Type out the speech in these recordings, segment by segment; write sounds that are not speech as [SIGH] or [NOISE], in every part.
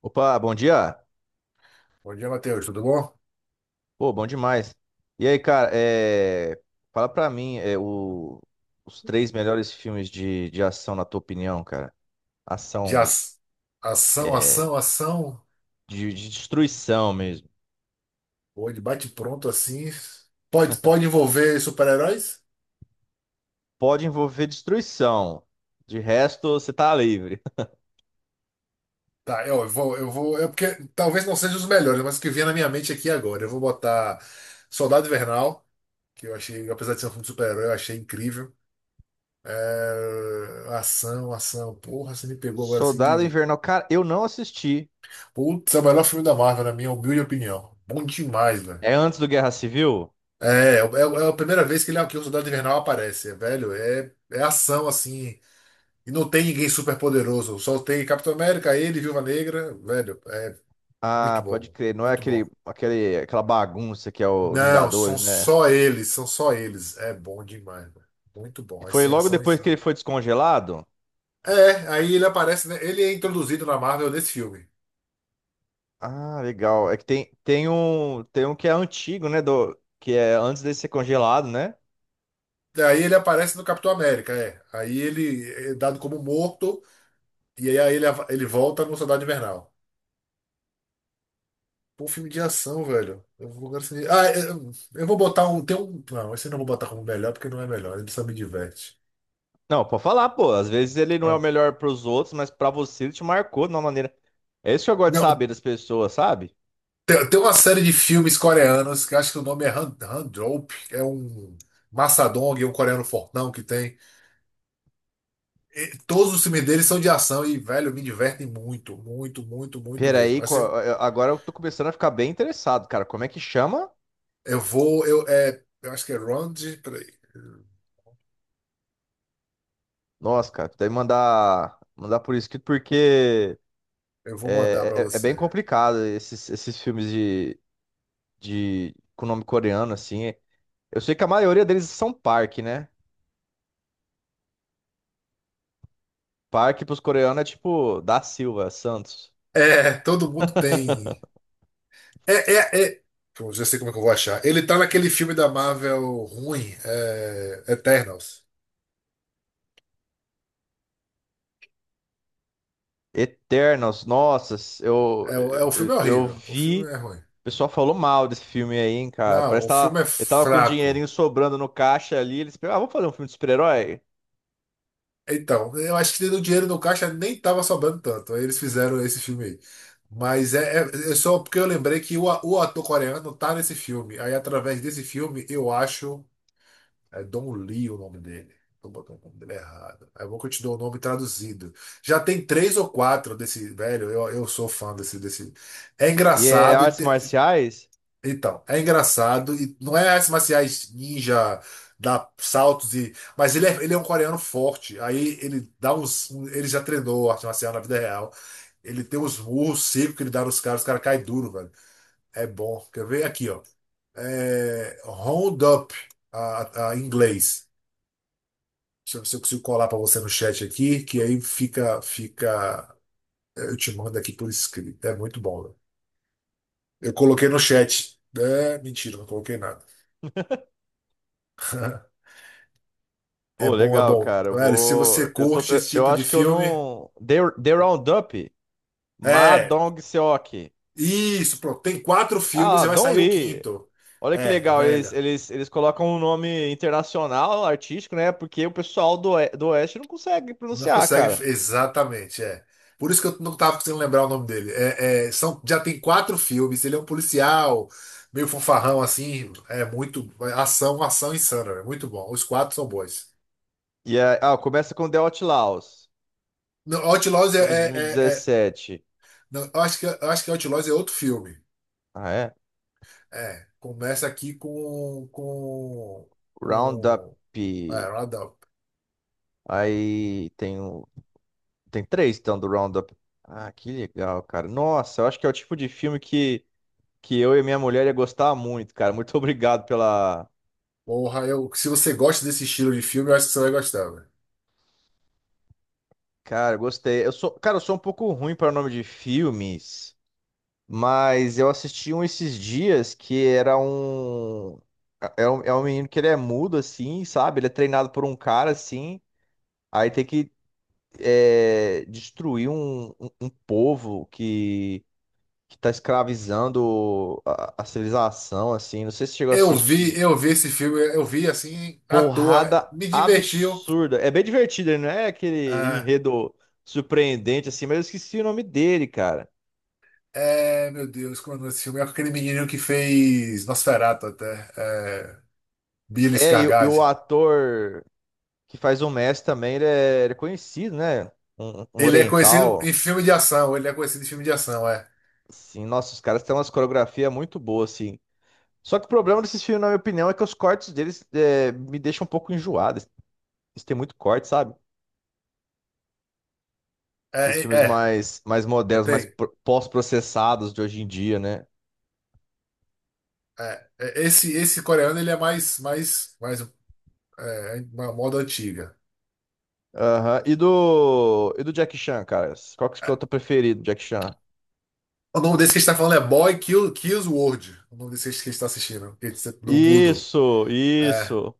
Opa, bom dia. Bom dia, Matheus. Tudo bom? Pô, bom demais. E aí, cara, fala pra mim os três melhores filmes de ação, na tua opinião, cara. Ação De mesmo. ação, É, ação, ação. De destruição mesmo. Ou de bate-pronto assim. Pode envolver super-heróis? Pode envolver destruição. De resto, você tá livre. [LAUGHS] Tá, eu vou. É porque talvez não sejam os melhores, mas o que vier na minha mente aqui agora. Eu vou botar Soldado Invernal, que eu achei, apesar de ser um filme de super-herói, eu achei incrível. É, ação, ação. Porra, você me pegou agora assim Soldado de. Invernal, cara, eu não assisti. Putz, é o melhor filme da Marvel, na minha humilde opinião. Bom demais, velho. É antes do Guerra Civil? É a primeira vez que o Soldado Invernal aparece, é, velho. É ação assim. E não tem ninguém super poderoso. Só tem Capitão América, ele, Viúva Negra, velho. É muito Ah, pode bom, crer. Não é muito bom. Aquela bagunça que é o Não, são Vingadores, né? só eles, são só eles. É bom demais, velho. Muito bom. As Foi cenas logo são depois que insanas. ele foi descongelado? É, aí ele aparece, né? Ele é introduzido na Marvel nesse filme. Ah, legal. É que tem um que é antigo, né? Do, que é antes dele ser congelado, né? Daí ele aparece no Capitão América, é. Aí ele é dado como morto, e aí ele volta no Soldado Invernal. Pô, filme de ação, velho. Eu vou agora assim. Ah, é, eu vou botar um. Tem um. Não, esse eu não vou botar como melhor, porque não é melhor. Ele só me diverte. Não, pode falar, pô. Às vezes ele não é o Ah, melhor pros outros, mas pra você ele te marcou de uma maneira. É isso que eu gosto de não, saber das pessoas, sabe? tem uma série de filmes coreanos que eu acho que o nome é Han, Han Drop. É um Massadong, é um coreano fortão que tem. E todos os filmes deles são de ação e, velho, me divertem muito, muito, muito, muito mesmo. Peraí, Assim, agora eu tô começando a ficar bem interessado, cara. Como é que chama? eu vou. Eu acho que é Round. Peraí. Nossa, cara, tu deve mandar por escrito porque Eu vou mandar pra é você. bem complicado esses filmes com nome coreano, assim. Eu sei que a maioria deles são Park, né? Park pros coreanos é tipo da Silva, Santos. É, todo mundo tem. É, é, é. Pô, já sei como é que eu vou achar. Ele tá naquele filme da Marvel ruim, Eternals. Eternos, nossas, O filme é eu horrível. O filme vi. é ruim. O pessoal falou mal desse filme aí, hein, cara. Parece Não, que o filme é tava, ele tava com um fraco. dinheirinho sobrando no caixa ali. Eles pensaram, ah, vamos fazer um filme de super-herói? Então, eu acho que o dinheiro no caixa nem tava sobrando tanto. Aí eles fizeram esse filme aí. Mas é só porque eu lembrei que o ator coreano tá nesse filme. Aí, através desse filme, eu acho. Don Lee é o nome dele. Tô botando o nome dele errado. É bom que eu te dou o nome traduzido. Já tem três ou quatro desse, velho. Eu sou fã desse. É E é engraçado. Artes marciais? Então, é engraçado. E não é artes marciais ninja, dá saltos e. Mas ele é um coreano forte. Aí ele dá uns. Ele já treinou arte marcial na vida real. Ele tem uns murros secos que ele dá nos caras, os caras caem duro, velho. É bom. Quer ver? Aqui, ó. É, Round Up, em inglês. Deixa eu ver se eu consigo colar para você no chat aqui, que aí fica, fica. Eu te mando aqui por escrito. É muito bom, né? Eu coloquei no chat. É, mentira, não coloquei nada. É Pô, bom, é legal, bom. cara. Eu Velho, se você vou. Curte esse Eu tipo de acho que eu filme. não. The Roundup? Ma É, Dong-seok. isso, pronto. Tem quatro filmes Ah, e vai Don sair o Lee. quinto. Olha que É, legal, velho. Eles colocam um nome internacional, artístico, né? Porque o pessoal do, do Oeste não consegue Não pronunciar, consegue, cara. exatamente, é. Por isso que eu não tava conseguindo lembrar o nome dele. Já tem quatro filmes, ele é um policial, meio fanfarrão assim, é muito, ação, ação insana, é muito bom. Os quatro são bons. E é, ah, começa com The Outlaws, Não, Outlaws 2017. não, eu acho que Outlaws é outro filme. Ah, é? É, começa aqui com, com, Roundup. com, é, Round Up. Aí tem, um- tem três, então, do Roundup. Ah, que legal, cara. Nossa, eu acho que é o tipo de filme que eu e minha mulher ia gostar muito, cara. Muito [LAUGHS] obrigado pela... Porra, se você gosta desse estilo de filme, eu acho que você vai gostar, velho. Cara, eu gostei. Eu sou um pouco ruim para nome de filmes. Mas eu assisti um esses dias que era um. É um menino que ele é mudo, assim, sabe? Ele é treinado por um cara, assim. Aí tem que destruir um povo que tá escravizando a civilização, assim. Não sei se chegou a Eu vi, assistir. eu vi esse filme, eu vi assim, à toa, Porrada me divertiu. absurda. É bem divertido, ele não é aquele Ah, enredo surpreendente, assim, mas eu esqueci o nome dele, cara. Meu Deus, como é o nome desse filme? É com aquele menininho que fez Nosferatu até, Billy É, e o Skarsgård. ator que faz o Messi também, ele é conhecido, né? Um Ele é conhecido em oriental. filme de ação, ele é conhecido em filme de ação, é. Assim, nossa, os caras têm umas coreografias muito boas, assim. Só que o problema desses filmes, na minha opinião, é que os cortes deles me deixam um pouco enjoado. Eles têm muito corte, sabe? Esses É, filmes é, mais modernos, tem. Pós-processados de hoje em dia, né? Esse coreano, ele é mais, uma moda antiga. Aham. E do Jack Chan, cara? Qual que é o É. teu preferido, Jack Chan? O nome desse que a gente tá falando é Boy Kill, Kills World. O nome desse que a gente tá assistindo, que é do mudo. Isso, É, isso.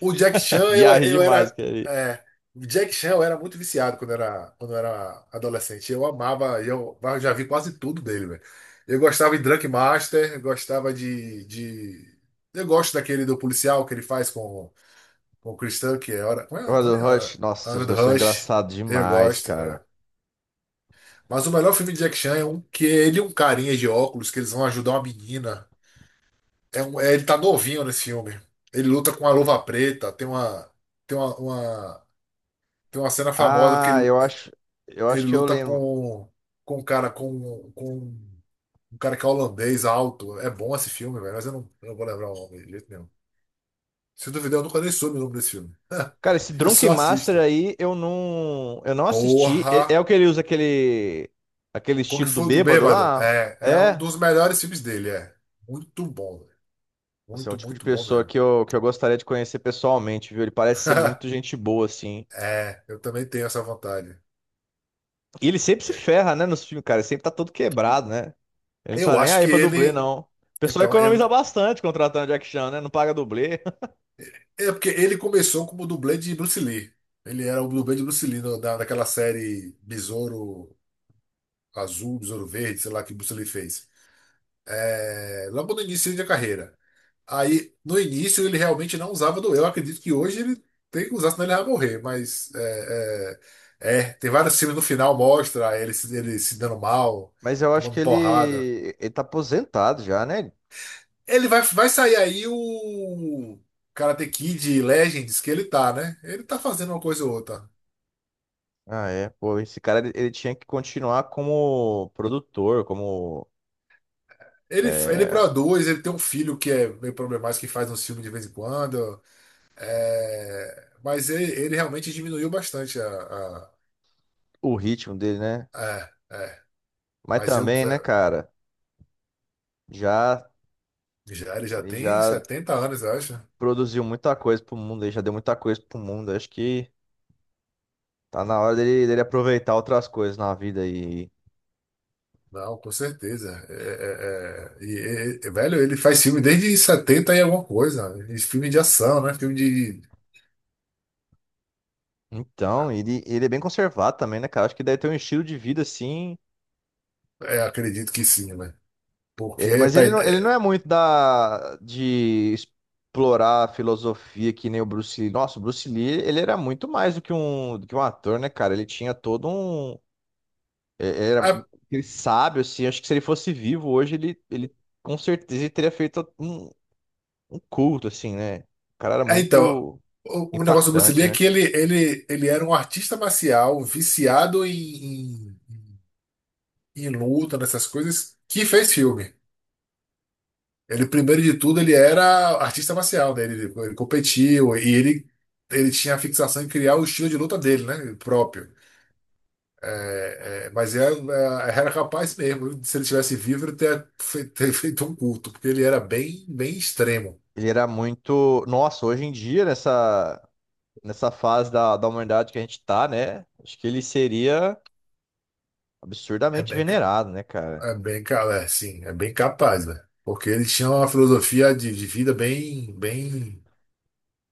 o Jack [LAUGHS] Chan, eu, Viagem eu demais, era. cara. É, o Jack Chan eu era muito viciado quando eu era adolescente. Eu amava, eu já vi quase tudo dele, velho. Eu gostava de Drunk Master, eu gostava de. Eu gosto daquele do policial que ele faz com o Chris Tucker, que é hora. Como é? Mas Não o é hora. Rush, A nossa, hora os do dois são Rush. engraçados Eu demais, gosto. cara. Mas o melhor filme de Jack Chan é um que ele e um carinha de óculos que eles vão ajudar uma menina. Ele tá novinho nesse filme. Ele luta com a luva preta, tem uma. Tem uma, uma- Tem uma cena famosa que Ah, ele eu acho, eu ele acho que eu luta lembro. com um cara com um cara que é holandês alto. É bom esse filme, velho, mas eu não vou lembrar o nome de jeito nenhum. Se duvidar, eu nunca nem soube o nome desse filme. [LAUGHS] Cara, esse Eu Drunken só Master assisto. aí eu não assisti. É, é o Porra! que ele usa aquele Kung estilo do Fu do bêbado Bêbado. lá? É um É. dos melhores filmes dele, é. Muito bom, velho. Você é um Muito, tipo de muito bom pessoa mesmo. que que eu gostaria de conhecer pessoalmente, viu? Ele parece ser muito [LAUGHS] gente boa, assim. É, eu também tenho essa vontade. E ele sempre se É. ferra, né, nos filmes, cara. Ele sempre tá todo quebrado, né? Ele não tá Eu nem acho aí que pra dublê, ele. não. O pessoal Então, ele, economiza bastante contratando Jack Chan, né? Não paga dublê. [LAUGHS] é porque ele começou como dublê de Bruce Lee. Ele era o dublê de Bruce Lee daquela série Besouro Azul, Besouro Verde, sei lá que Bruce Lee fez. É, logo no início da carreira. Aí, no início, ele realmente não usava do eu. Acredito que hoje ele tem que usar, senão ele vai morrer. Mas tem vários filmes no final mostra ele, ele se dando mal, Mas eu acho tomando que porrada. Ele tá aposentado já, né? Ele vai sair aí o Karate Kid Legends que ele tá, né? Ele tá fazendo uma coisa ou outra. Ah, é. Pô, esse cara ele tinha que continuar como produtor, como Ele é, produz, ele tem um filho que é meio problemático, que faz um filme de vez em quando. É, mas ele realmente diminuiu bastante a. o ritmo dele, né? é, é. Mas Mas também, né, cara? Já ele já Ele tem já 70 anos, eu acho. produziu muita coisa pro mundo, ele já deu muita coisa pro mundo. Acho que tá na hora dele aproveitar outras coisas na vida. E Não, com certeza. É, é, é. E, velho, ele faz filme desde 70 e alguma coisa. E filme de ação, né? Filme de. então ele é bem conservado também, né, cara? Acho que deve ter um estilo de vida assim. Acredito que sim, né? Porque. É, É, mas ele não é muito da de explorar a filosofia que nem o Bruce Lee. Nossa, o Bruce Lee, ele era muito mais do que do que um ator, né, cara? Ele tinha todo um. Era aquele sábio, assim. Acho que se ele fosse vivo hoje, ele com certeza teria feito um culto, assim, né? O cara era É, então, muito o, o negócio do Bruce impactante, Lee é né? que ele era um artista marcial viciado em luta, nessas coisas, que fez filme. Ele, primeiro de tudo, ele era artista marcial, né? Ele competiu e ele tinha a fixação em criar o estilo de luta dele, né? Próprio. Mas era capaz mesmo, se ele tivesse vivo, ele ter feito um culto, porque ele era bem, bem extremo. Ele era muito. Nossa, hoje em dia, nessa fase da humanidade que a gente tá, né? Acho que ele seria é absurdamente bem venerado, né, cara? É bem, ca- é, sim, é bem capaz, né? Porque eles tinham uma filosofia de vida bem, bem,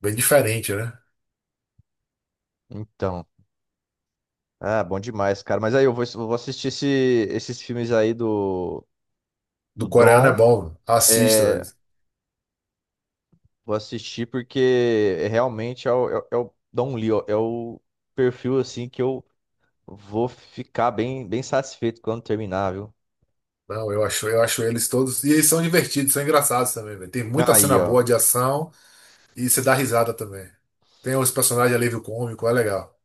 bem diferente, né? Então, ah, bom demais, cara. Mas aí eu vou assistir esses filmes aí do, Do do coreano é Dom. bom, assista, É, velho. vou assistir porque é realmente é o Don Lee, ó, é o perfil assim que eu vou ficar bem, bem satisfeito quando terminar, viu? Não, eu acho eles todos. E eles são divertidos, são engraçados também, velho. Tem muita Aí, cena ó. boa de ação e você dá risada também. Tem os personagens alívio cômico, é legal.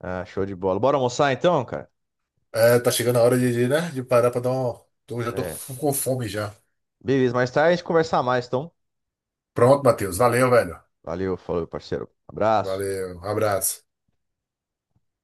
Ah, show de bola. Bora almoçar então, cara? É, tá chegando a hora de parar pra dar um. Eu já tô É. com fome já. Beleza, mais tarde a gente conversar mais, então. Pronto, Matheus. Valeu, velho. Valeu, falou, parceiro. Abraço. Valeu, um abraço.